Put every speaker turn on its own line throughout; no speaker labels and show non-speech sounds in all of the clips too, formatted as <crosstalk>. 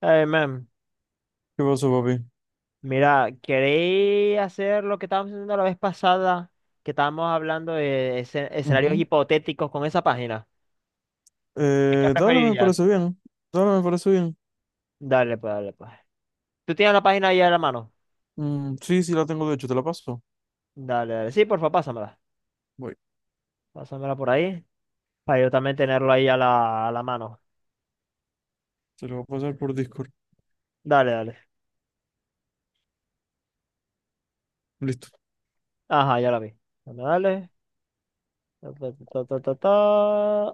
Ay, man,
¿Qué pasó, papi?
mira, queréis hacer lo que estábamos haciendo la vez pasada, que estábamos hablando de escenarios
Ujú.
hipotéticos con esa página. ¿Qué
Dale, me
preferirías?
parece bien. Dale, me parece bien.
Dale, pues, dale, pues. ¿Tú tienes la página ahí a la mano?
Mm, sí, sí, la tengo de hecho, te la paso.
Dale, dale. Sí, porfa, pásamela.
Voy,
Pásamela por ahí, para yo también tenerlo ahí a la mano.
te la voy a pasar por Discord.
Dale, dale.
Listo.
Ajá, ya la vi. Dale, dale. Ta, ta, ta, ta, ta.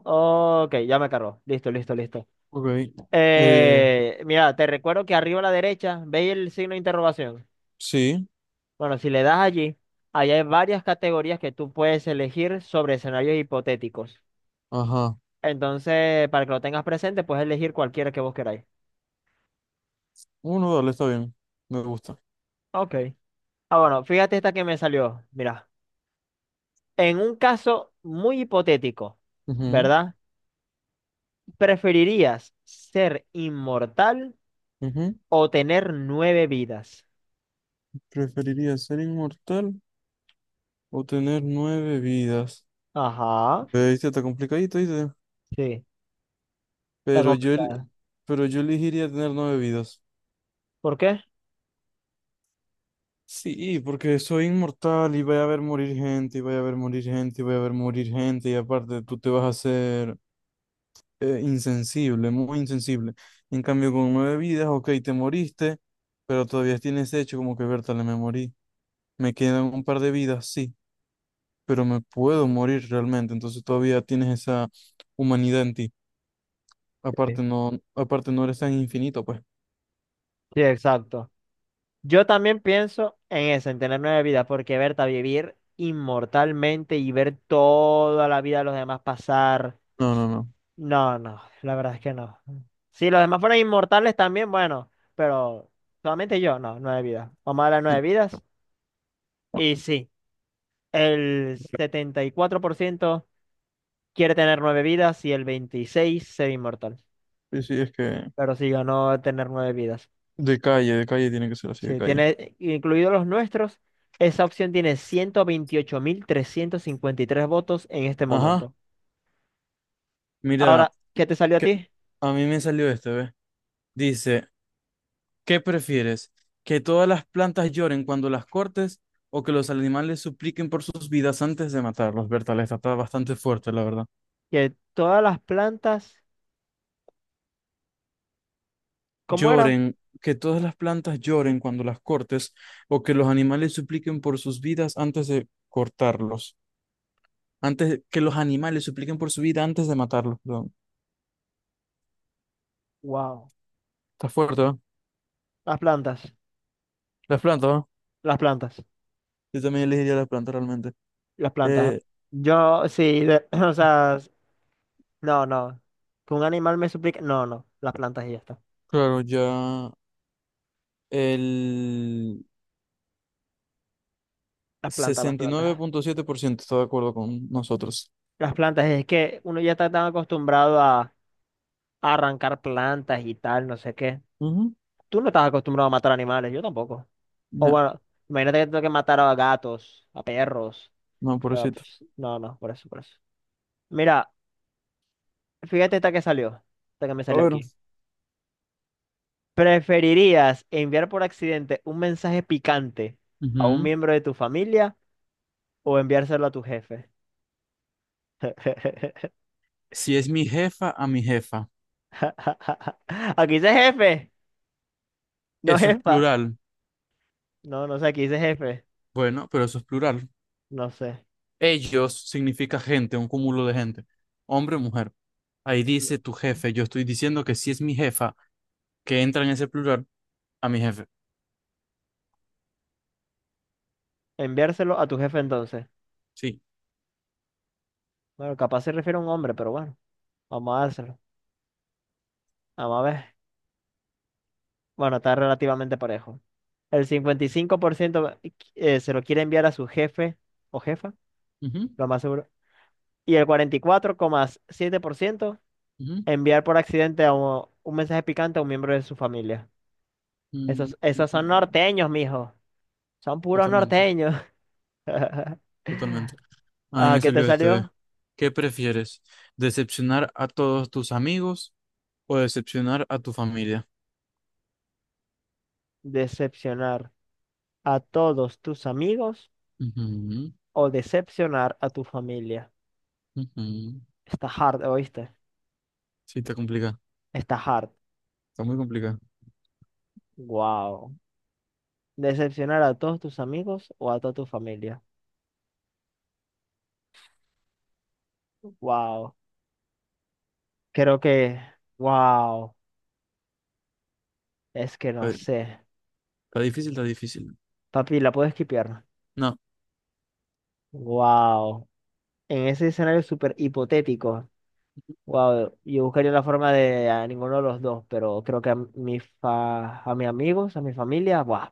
Ok, ya me cargó. Listo, listo, listo.
Ok. Eh,
Mira, te recuerdo que arriba a la derecha, ¿veis el signo de interrogación?
sí,
Bueno, si le das allí, allá hay varias categorías que tú puedes elegir sobre escenarios hipotéticos.
ajá.
Entonces, para que lo tengas presente, puedes elegir cualquiera que vos queráis.
Uno, dale, está bien. Me gusta.
Ok. Ah, bueno, fíjate esta que me salió. Mira, en un caso muy hipotético, ¿verdad? ¿Preferirías ser inmortal
Ujú, ujú.
o tener nueve vidas?
¿Preferiría ser inmortal o tener nueve vidas?
Ajá,
Viste, está complicadito, ¿viste?
sí, está
Pero yo, el-
complicada.
pero yo elegiría tener nueve vidas.
¿Por qué?
Sí, porque soy inmortal y voy a ver morir gente, y voy a ver morir gente, y voy a ver morir gente, y aparte tú te vas a hacer insensible, muy insensible. En cambio, con nueve vidas, ok, te moriste, pero todavía tienes hecho como que, Bertale, me morí. Me quedan un par de vidas, sí, pero me puedo morir realmente, entonces todavía tienes esa humanidad en ti.
Sí,
Aparte no eres tan infinito, pues.
sí, exacto. Yo también pienso en eso, en tener nueve vidas, porque Berta, vivir inmortalmente y ver toda la vida de los demás pasar,
No, no, no.
no, no, la verdad es que no. Si los demás fueran inmortales también, bueno, pero solamente yo, no, nueve vidas. Vamos a las
No,
nueve vidas. Y sí, el 74% quiere tener nueve vidas y el 26% ser inmortal.
sí, sí, es que
Pero sí, yo no tener nueve vidas.
de calle tiene que ser así, de
Sí,
calle.
tiene incluidos los nuestros. Esa opción tiene 128.353 votos en este
Ajá,
momento.
mira.
Ahora, ¿qué te salió a
que-
ti?
A mí me salió este, ¿ves? Dice, ¿qué prefieres? ¿Que todas las plantas lloren cuando las cortes o que los animales supliquen por sus vidas antes de matarlos? Berta, esta está bastante fuerte, la verdad.
Que todas las plantas, ¿cómo era?
Lloren, que todas las plantas lloren cuando las cortes o que los animales supliquen por sus vidas antes de cortarlos. Antes, que los animales supliquen por su vida antes de matarlos, perdón.
Wow,
Está fuerte, ¿va?
las plantas,
Las plantas, ¿va?
las plantas,
Yo también elegiría las plantas realmente.
las plantas.
Eh,
Yo, sí, <clears throat> o sea, no, no. Que un animal me suplique, no, no, las plantas y ya está.
claro, ya el
Las plantas, las
sesenta y nueve
plantas.
punto siete por ciento está de acuerdo con nosotros.
Las plantas, es que uno ya está tan acostumbrado a arrancar plantas y tal, no sé qué.
Ujú.
Tú no estás acostumbrado a matar animales, yo tampoco. O
Ya,
bueno, imagínate que tengo que matar a gatos, a perros.
no,
Ah,
pobrecito.
pf, no, no, por eso, por eso. Mira, fíjate esta que salió. Esta que me
A
salió
ver.
aquí. ¿Preferirías enviar por accidente un mensaje picante a un
Ujú.
miembro de tu familia o enviárselo a tu jefe? <laughs>
Si es mi jefa, a mi jefa.
Aquí dice jefe, no
Eso es
jefa.
plural.
No, no sé, aquí dice jefe.
Bueno, pero eso es plural.
No sé.
Ellos significa gente, un cúmulo de gente. Hombre o mujer. Ahí dice tu jefe. Yo estoy diciendo que si es mi jefa, que entra en ese plural, a mi jefe.
Enviárselo a tu jefe entonces.
Sí.
Bueno, capaz se refiere a un hombre, pero bueno, vamos a dárselo. Vamos a ver. Bueno, está relativamente parejo. El 55% se lo quiere enviar a su jefe o jefa,
Ujú,
lo más seguro. Y el 44,7%
ujú,
enviar por accidente a un mensaje picante a un miembro de su familia.
mm,
Esos,
mm,
esos son
mm.
norteños, mijo. Son puros
Totalmente,
norteños. <laughs>
totalmente. A mí
Ah,
me
¿qué te
salió este.
salió?
¿Qué prefieres? ¿Decepcionar a todos tus amigos o decepcionar a tu familia?
Decepcionar a todos tus amigos
Ujú,
o decepcionar a tu familia.
ujú.
Está hard, ¿oíste?
Sí, está complicado.
Está hard.
Está muy complicado.
Wow. Decepcionar a todos tus amigos o a toda tu familia. Wow. Creo que, wow, es que no
Está,
sé.
está difícil, está difícil.
Papi, ¿la puedo esquipear?
No,
Wow. En ese escenario súper hipotético, wow, yo buscaría la forma de a ninguno de los dos, pero creo que a, a mis amigos, a mi familia, wow.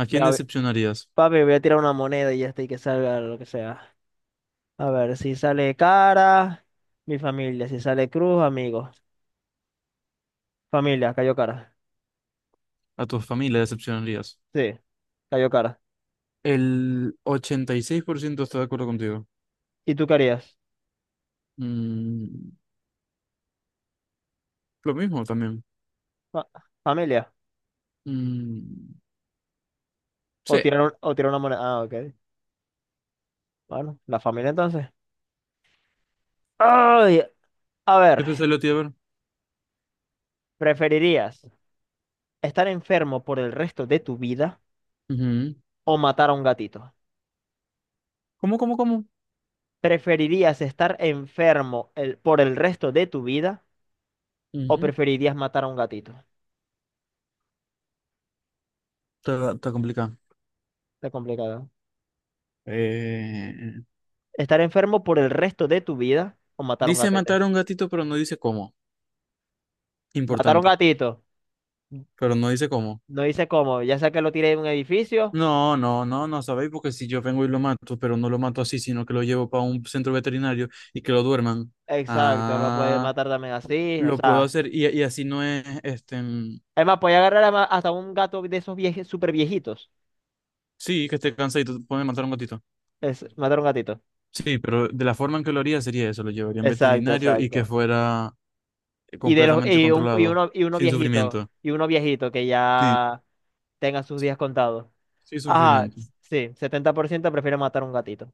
¿a quién
Mira,
decepcionarías?
papi, voy a tirar una moneda y ya está, y que salga lo que sea. A ver, si sale cara, mi familia, si sale cruz, amigos. Familia, cayó cara.
A tu familia decepcionarías.
Sí, cayó cara.
El 86% está de acuerdo contigo.
¿Y tú qué harías?
Mm, Lo mismo también.
Fa- Familia.
Mm,
O
sí.
tirar, o tirar una moneda. Ah, ok. Bueno, la familia entonces. Ay, a ver,
¿Qué te salió a ti, a ver?
¿preferirías estar enfermo por el resto de tu vida
Ujú.
o matar a un gatito?
¿Cómo, cómo, cómo?
¿Preferirías estar enfermo por el resto de tu vida o
Ujú,
preferirías matar a un gatito?
está complicado.
Está complicado. ¿Eh?
Eh,
¿Estar enfermo por el resto de tu vida o matar a un
Dice
gatete?
matar a un gatito, pero no dice cómo.
Matar a un
Importante,
gatito.
pero no dice cómo.
No dice cómo, ya sea que lo tire de un edificio.
No, no, no, no sabéis, porque si yo vengo y lo mato, pero no lo mato así, sino que lo llevo para un centro veterinario y que lo duerman.
Exacto, lo puede
Ah,
matar también así. O
lo puedo
sea,
hacer y así no es,
además, puede agarrar hasta un gato de esos super viejitos.
sí, que esté cansadito, puede matar a un gatito.
Es matar a un gatito.
Sí, pero de la forma en que lo haría sería eso, lo llevaría a un
Exacto,
veterinario y que
exacto.
fuera
Y de los
completamente
y, un- y
controlado,
uno y uno
sin
viejito,
sufrimiento.
y uno viejito que
Sí,
ya tenga sus
sí,
días contados.
sí, sin
Ajá,
sufrimiento.
sí, 70% prefiere matar a un gatito.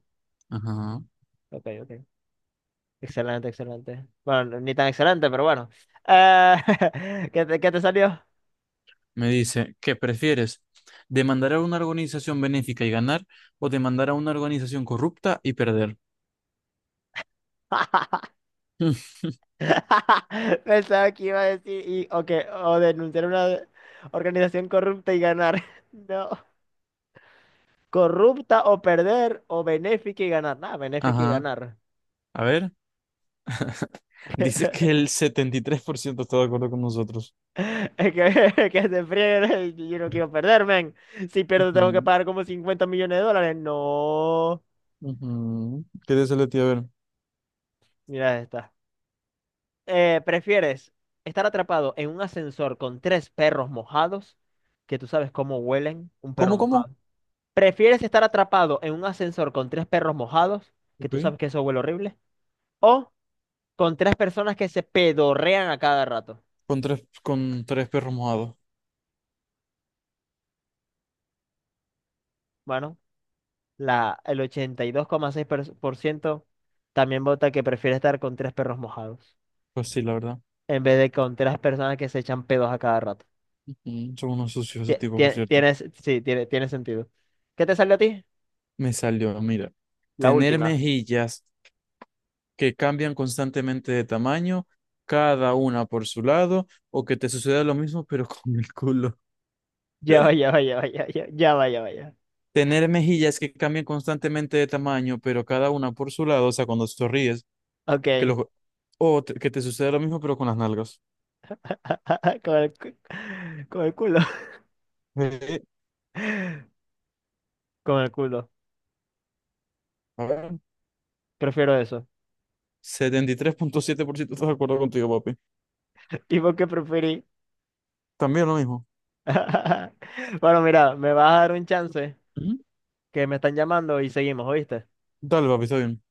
Ajá.
Ok, ok. Excelente, excelente. Bueno, ni tan excelente, pero bueno. Eh, <laughs> ¿qué qué te salió?
Me dice, ¿qué prefieres? ¿Demandar a una organización benéfica y ganar o demandar a una organización corrupta y perder? <laughs> Mm,
<laughs> Pensaba que iba a decir y o que o denunciar una organización corrupta y ganar. <laughs> No. Corrupta o perder o benéfica y ganar. Nada, benéfica y
ajá.
ganar.
A ver, <laughs>
<laughs>
dice que el 73% está de acuerdo con nosotros.
Es que, <laughs> que se friegue, y <laughs> yo no quiero perder, men. Si pierdo, tengo que
Ujú,
pagar como $50 millones. No.
ujú. ¿Qué dice Leti? A ver.
Mira esta. ¿Prefieres estar atrapado en un ascensor con tres perros mojados? Que tú sabes cómo huelen un perro
¿Cómo, cómo?
mojado. ¿Prefieres estar atrapado en un ascensor con tres perros mojados? Que
Ok.
tú sabes que eso huele horrible. ¿O con tres personas que se pedorrean a cada rato?
Con tres perros mojados.
Bueno, el 82,6% también vota que prefiere estar con tres perros mojados
Pues sí, la verdad.
en vez de con tres personas que se echan pedos a cada rato.
Ujú, son unos sucios esos tipos, por cierto.
Tienes, sí, tiene sentido. ¿Qué te salió a ti?
Me salió, mira.
La
Tener
última. <laughs>
mejillas que cambian constantemente de tamaño, cada una por su lado, o que te suceda lo mismo, <laughs> pero con el culo.
Ya va, ya va, ya va, ya va, ya va, ya va, ya
Tener mejillas que cambian constantemente de tamaño, pero cada una por su lado, o sea, cuando sonríes,
va.
que
Ok.
lo, que te suceda lo mismo, pero con las nalgas.
<laughs> Con el, con el culo. <laughs>
Eh,
Con el culo.
a ver,
Prefiero eso.
73,7% estoy de acuerdo contigo, papi.
<laughs> ¿Y por qué preferí?
También lo mismo.
<laughs> Bueno, mira, me vas a dar un chance
Ujú.
que me están llamando y seguimos, ¿oíste?
Dale, papi, está bien.